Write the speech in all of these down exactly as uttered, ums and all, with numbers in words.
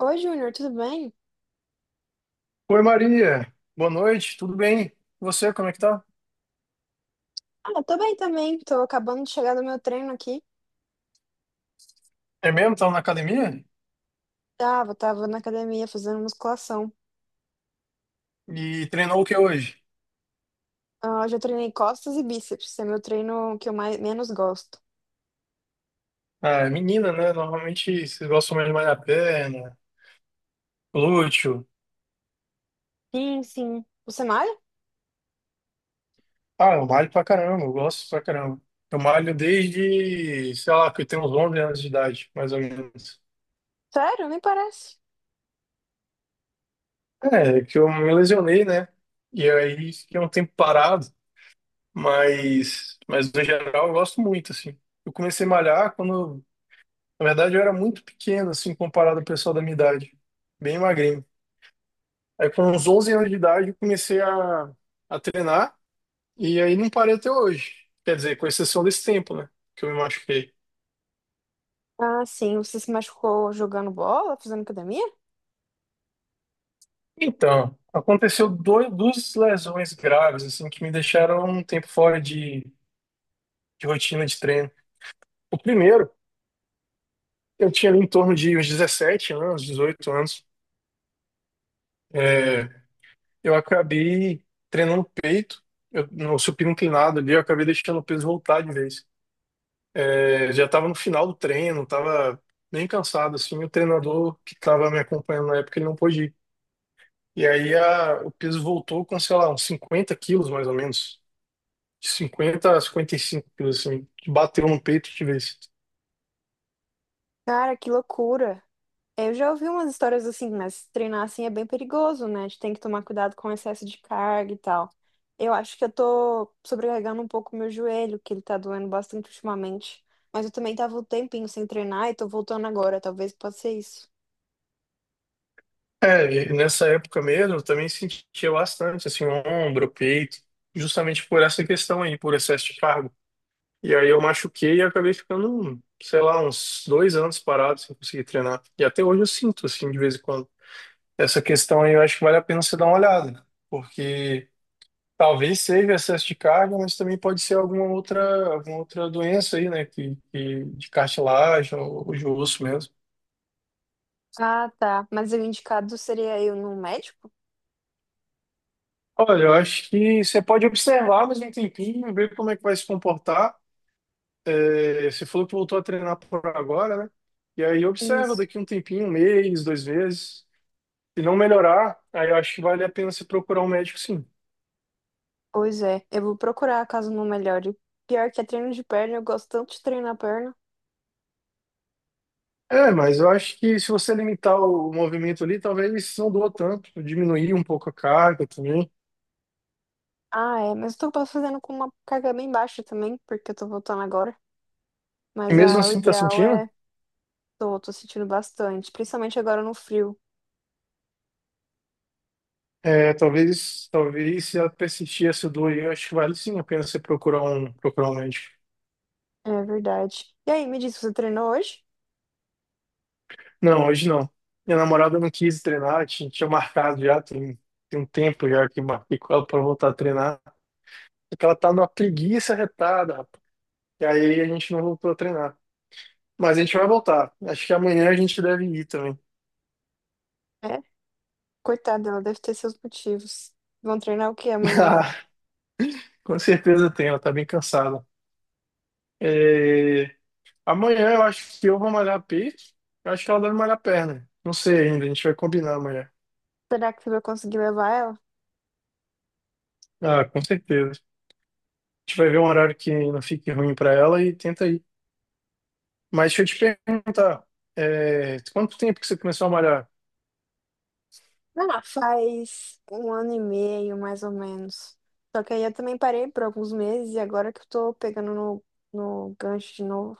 Oi, Júnior, tudo bem? Oi Maria, boa noite, tudo bem? E Você, como é que tá? Ah, eu tô bem também. Tô acabando de chegar do meu treino aqui. É mesmo? Tava na academia? Tava, tava na academia fazendo musculação. E treinou o que hoje? Ah, Hoje eu treinei costas e bíceps. Esse é meu treino que eu mais, menos gosto. Ah, é menina, né? Normalmente vocês gostam mais de malhar a perna, glúteo. Sim, sim. Você malha? Ah, eu malho pra caramba, eu gosto pra caramba. Eu malho desde, sei lá, que eu tenho uns onze anos de idade, mais ou menos. Sério? Nem parece. É, que eu me lesionei, né? E aí fiquei um tempo parado, mas, mas no geral eu gosto muito, assim. Eu comecei a malhar quando Na verdade, eu era muito pequeno, assim, comparado ao pessoal da minha idade. Bem magrinho. Aí, com uns onze anos de idade, eu comecei a, a treinar. E aí, não parei até hoje. Quer dizer, com exceção desse tempo, né? Que eu me machuquei. Ah, sim. Você se machucou jogando bola, fazendo academia? Então, aconteceu dois, duas lesões graves, assim, que me deixaram um tempo fora de, de rotina de treino. O primeiro, eu tinha ali em torno de uns dezessete anos, dezoito anos. É, eu acabei treinando peito, eu, no supino inclinado ali, eu acabei deixando o peso voltar de vez. É, já estava no final do treino, estava bem cansado, assim, o treinador que estava me acompanhando na época, ele não pôde ir. E aí a- o peso voltou com, sei lá, uns cinquenta quilos, mais ou menos. De cinquenta a cinquenta e cinco quilos, assim, que bateu no peito de vez. Cara, que loucura. Eu já ouvi umas histórias assim, mas treinar assim é bem perigoso, né? A gente tem que tomar cuidado com o excesso de carga e tal. Eu acho que eu tô sobrecarregando um pouco o meu joelho, que ele tá doendo bastante ultimamente. Mas eu também tava um tempinho sem treinar e tô voltando agora, talvez possa ser isso. É, e nessa época mesmo, eu também sentia bastante, assim, ombro, peito, justamente por essa questão aí, por excesso de cargo. E aí eu machuquei e acabei ficando, sei lá, uns dois anos parado sem conseguir treinar. E até hoje eu sinto, assim, de vez em quando. Essa questão aí eu acho que vale a pena você dar uma olhada, né? Porque talvez seja excesso de carga, mas também pode ser alguma outra, alguma outra doença aí, né, que, que- de cartilagem ou de osso mesmo. Ah, tá. Mas o indicado seria eu num médico? Olha, eu acho que você pode observar mais um tempinho, ver como é que vai se comportar. É, você falou que voltou a treinar por agora, né? E aí observa Isso. daqui um tempinho, um mês, dois meses. Se não melhorar, aí eu acho que vale a pena você procurar um médico, sim. Pois é, eu vou procurar caso não melhore. Pior que é treino de perna, eu gosto tanto de treinar perna. É, mas eu acho que se você limitar o movimento ali, talvez não doa tanto, diminuir um pouco a carga também. Ah, é, mas eu tô fazendo com uma carga bem baixa também, porque eu tô voltando agora. E Mas, mesmo ah, o assim, tá ideal sentindo? é. Tô, tô sentindo bastante, principalmente agora no frio. É, talvez, talvez se ela persistir essa dor, aí, eu acho que vale sim a pena você procurar um, procurar um médico. É verdade. E aí, me diz, você treinou hoje? Não, hoje não. Minha namorada não quis treinar, tinha, tinha marcado já, tem, tem um tempo já que marquei com ela para voltar a treinar. Porque ela tá numa preguiça retada, rapaz. E aí a gente não voltou a treinar. Mas a gente vai voltar. Acho que amanhã a gente deve ir também. É? Coitada, ela deve ter seus motivos. Vão treinar o que amanhã? Com certeza tem, ela tá bem cansada. É, amanhã eu acho que eu vou malhar a Eu acho que ela deve malhar perna. Não sei ainda, a gente vai combinar amanhã. Será que você vai conseguir levar ela? Ah, com certeza. A gente vai ver um horário que não fique ruim pra ela e tenta ir. Mas deixa eu te perguntar, é, quanto tempo que você começou a malhar? Ah, faz um ano e meio, mais ou menos. Só que aí eu também parei por alguns meses e agora que eu tô pegando no, no gancho de novo.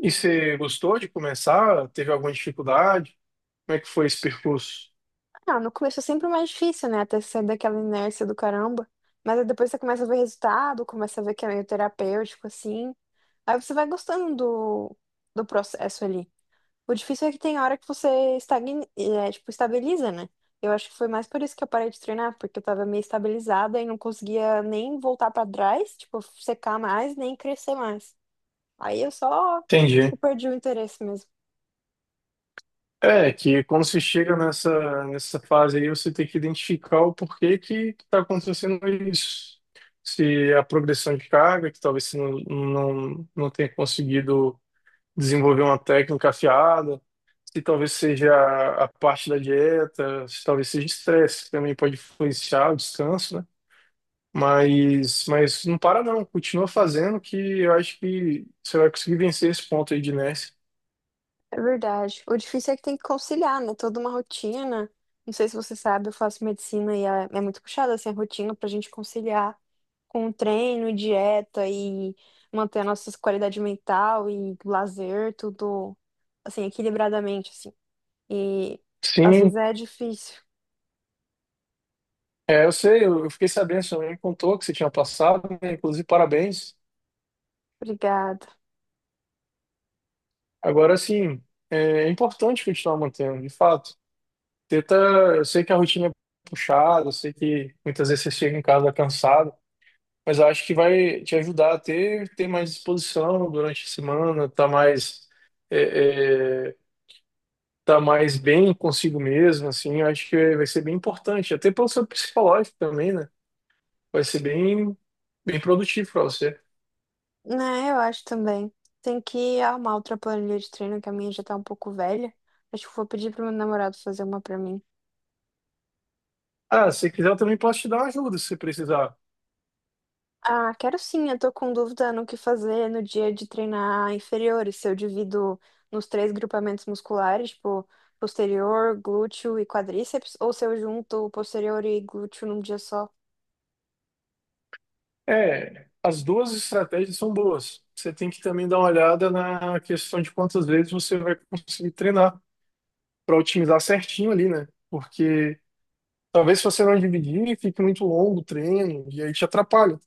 E você gostou de começar? Teve alguma dificuldade? Como é que foi esse percurso? Ah, no começo é sempre mais difícil, né? Até sair daquela inércia do caramba. Mas aí depois você começa a ver resultado, começa a ver que é meio terapêutico, assim. Aí você vai gostando do, do processo ali. O difícil é que tem hora que você estagna, é, tipo, estabiliza, né? Eu acho que foi mais por isso que eu parei de treinar, porque eu tava meio estabilizada e não conseguia nem voltar pra trás, tipo, secar mais, nem crescer mais. Aí eu só, tipo, Entendi. perdi o interesse mesmo. É, que quando você chega nessa, nessa fase aí, você tem que identificar o porquê que está acontecendo isso. Se é a progressão de carga, que talvez você não, não, não tenha conseguido desenvolver uma técnica afiada, se talvez seja a parte da dieta, se talvez seja estresse, que também pode influenciar o descanso, né? Mas, mas não para não, continua fazendo que eu acho que você vai conseguir vencer esse ponto aí de inércia. É verdade. O difícil é que tem que conciliar, né? Toda uma rotina. Não sei se você sabe, eu faço medicina e é é muito puxada, assim, a rotina pra gente conciliar com treino, dieta e manter a nossa qualidade mental e lazer, tudo assim, equilibradamente, assim. E às vezes Sim, é difícil. é, eu sei, eu eu fiquei sabendo, sua mãe me contou que você tinha passado, né? Inclusive, parabéns. Obrigada. Agora, assim, é é importante continuar mantendo, de fato. Tenta, eu sei que a rotina é puxada, eu sei que muitas vezes você chega em casa cansado, mas eu acho que vai te ajudar a ter, ter mais disposição durante a semana, tá mais, é, é, tá mais bem consigo mesmo, assim, eu acho que vai ser bem importante, até para o seu psicológico também, né? Vai ser bem, bem produtivo para você. Né, eu acho também. Tem que arrumar outra planilha de treino, que a minha já tá um pouco velha. Acho que vou pedir pro meu namorado fazer uma pra mim. Ah, se quiser, eu também posso te dar uma ajuda se precisar. Ah, quero sim, eu tô com dúvida no que fazer no dia de treinar inferiores, se eu divido nos três grupamentos musculares, tipo posterior, glúteo e quadríceps, ou se eu junto posterior e glúteo num dia só. É, as duas estratégias são boas. Você tem que também dar uma olhada na questão de quantas vezes você vai conseguir treinar para otimizar certinho ali, né? Porque talvez se você não dividir, fique muito longo o treino e aí te atrapalha.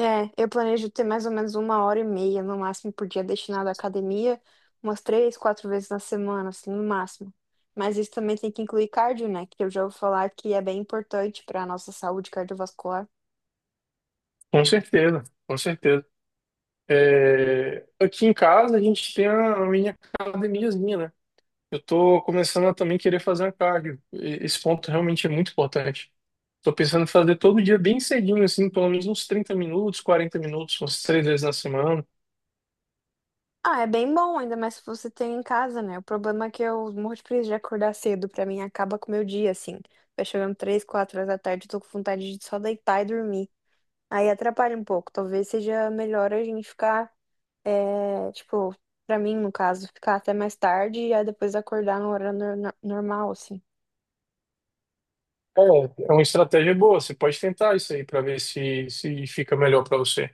É, eu planejo ter mais ou menos uma hora e meia no máximo por dia destinado à academia, umas três, quatro vezes na semana, assim, no máximo. Mas isso também tem que incluir cardio, né? Que eu já ouvi falar que é bem importante para a nossa saúde cardiovascular. Com certeza, com certeza. É, aqui em casa a gente tem a minha academiazinha, né? Eu tô começando a também querer fazer um cardio. E- Esse ponto realmente é muito importante. Tô pensando em fazer todo dia bem cedinho, assim, pelo menos uns trinta minutos, quarenta minutos, umas três vezes na semana. Ah, é bem bom, ainda mais se você tem em casa, né? O problema é que eu morro de preguiça de acordar cedo, pra mim acaba com o meu dia, assim. Vai chegando três, quatro horas da tarde, eu tô com vontade de só deitar e dormir. Aí atrapalha um pouco, talvez seja melhor a gente ficar, é, tipo, pra mim, no caso, ficar até mais tarde e aí depois acordar no horário nor- normal, assim. É, é uma estratégia boa. Você pode tentar isso aí para ver se, se fica melhor para você.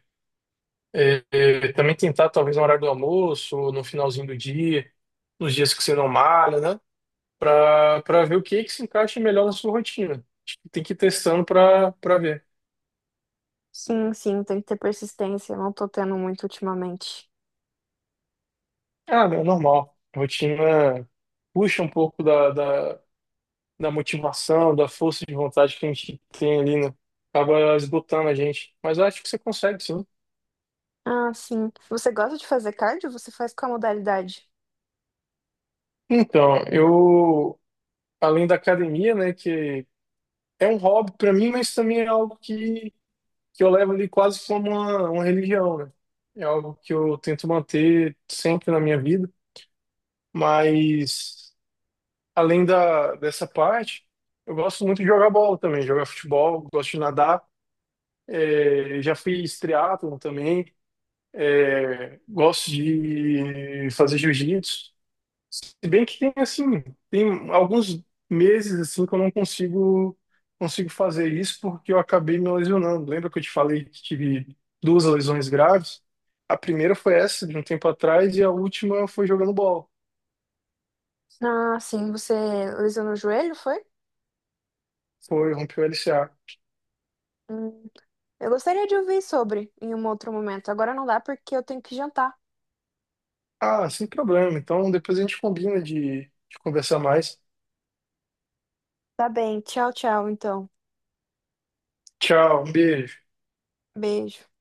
É, é, também tentar, talvez, no horário do almoço, ou no finalzinho do dia, nos dias que você não malha, né? Para para ver o que que se encaixa melhor na sua rotina. Acho que tem que ir testando para para ver. Sim, sim, tem que ter persistência, eu não tô tendo muito ultimamente. Ah, meu, normal. Rotina puxa um pouco da, da, da motivação, da força de vontade que a gente tem ali, né? Acaba esgotando a gente. Mas eu acho que você consegue, sim. Ah, sim. Você gosta de fazer cardio? Você faz qual modalidade? Então, eu, além da academia, né, que é um hobby para mim, mas também é algo que, que eu levo ali quase como uma, uma religião, né? É algo que eu tento manter sempre na minha vida. Mas, além da, dessa parte, eu gosto muito de jogar bola também, jogar futebol, gosto de nadar. É, já fiz triatlon também. É, gosto de fazer jiu-jitsu. Se bem que tem assim, tem alguns meses assim que eu não consigo consigo fazer isso porque eu acabei me lesionando. Lembra que eu te falei que tive duas lesões graves? A primeira foi essa de um tempo atrás e a última foi jogando bola. Ah, sim, você lesionou o joelho, foi? Foi, rompeu o L C A. Hum, eu gostaria de ouvir sobre em um outro momento. Agora não dá porque eu tenho que jantar. Ah, sem problema. Então depois a gente combina de, de conversar mais. Tá bem, tchau, tchau, então. Tchau, um beijo. Beijo.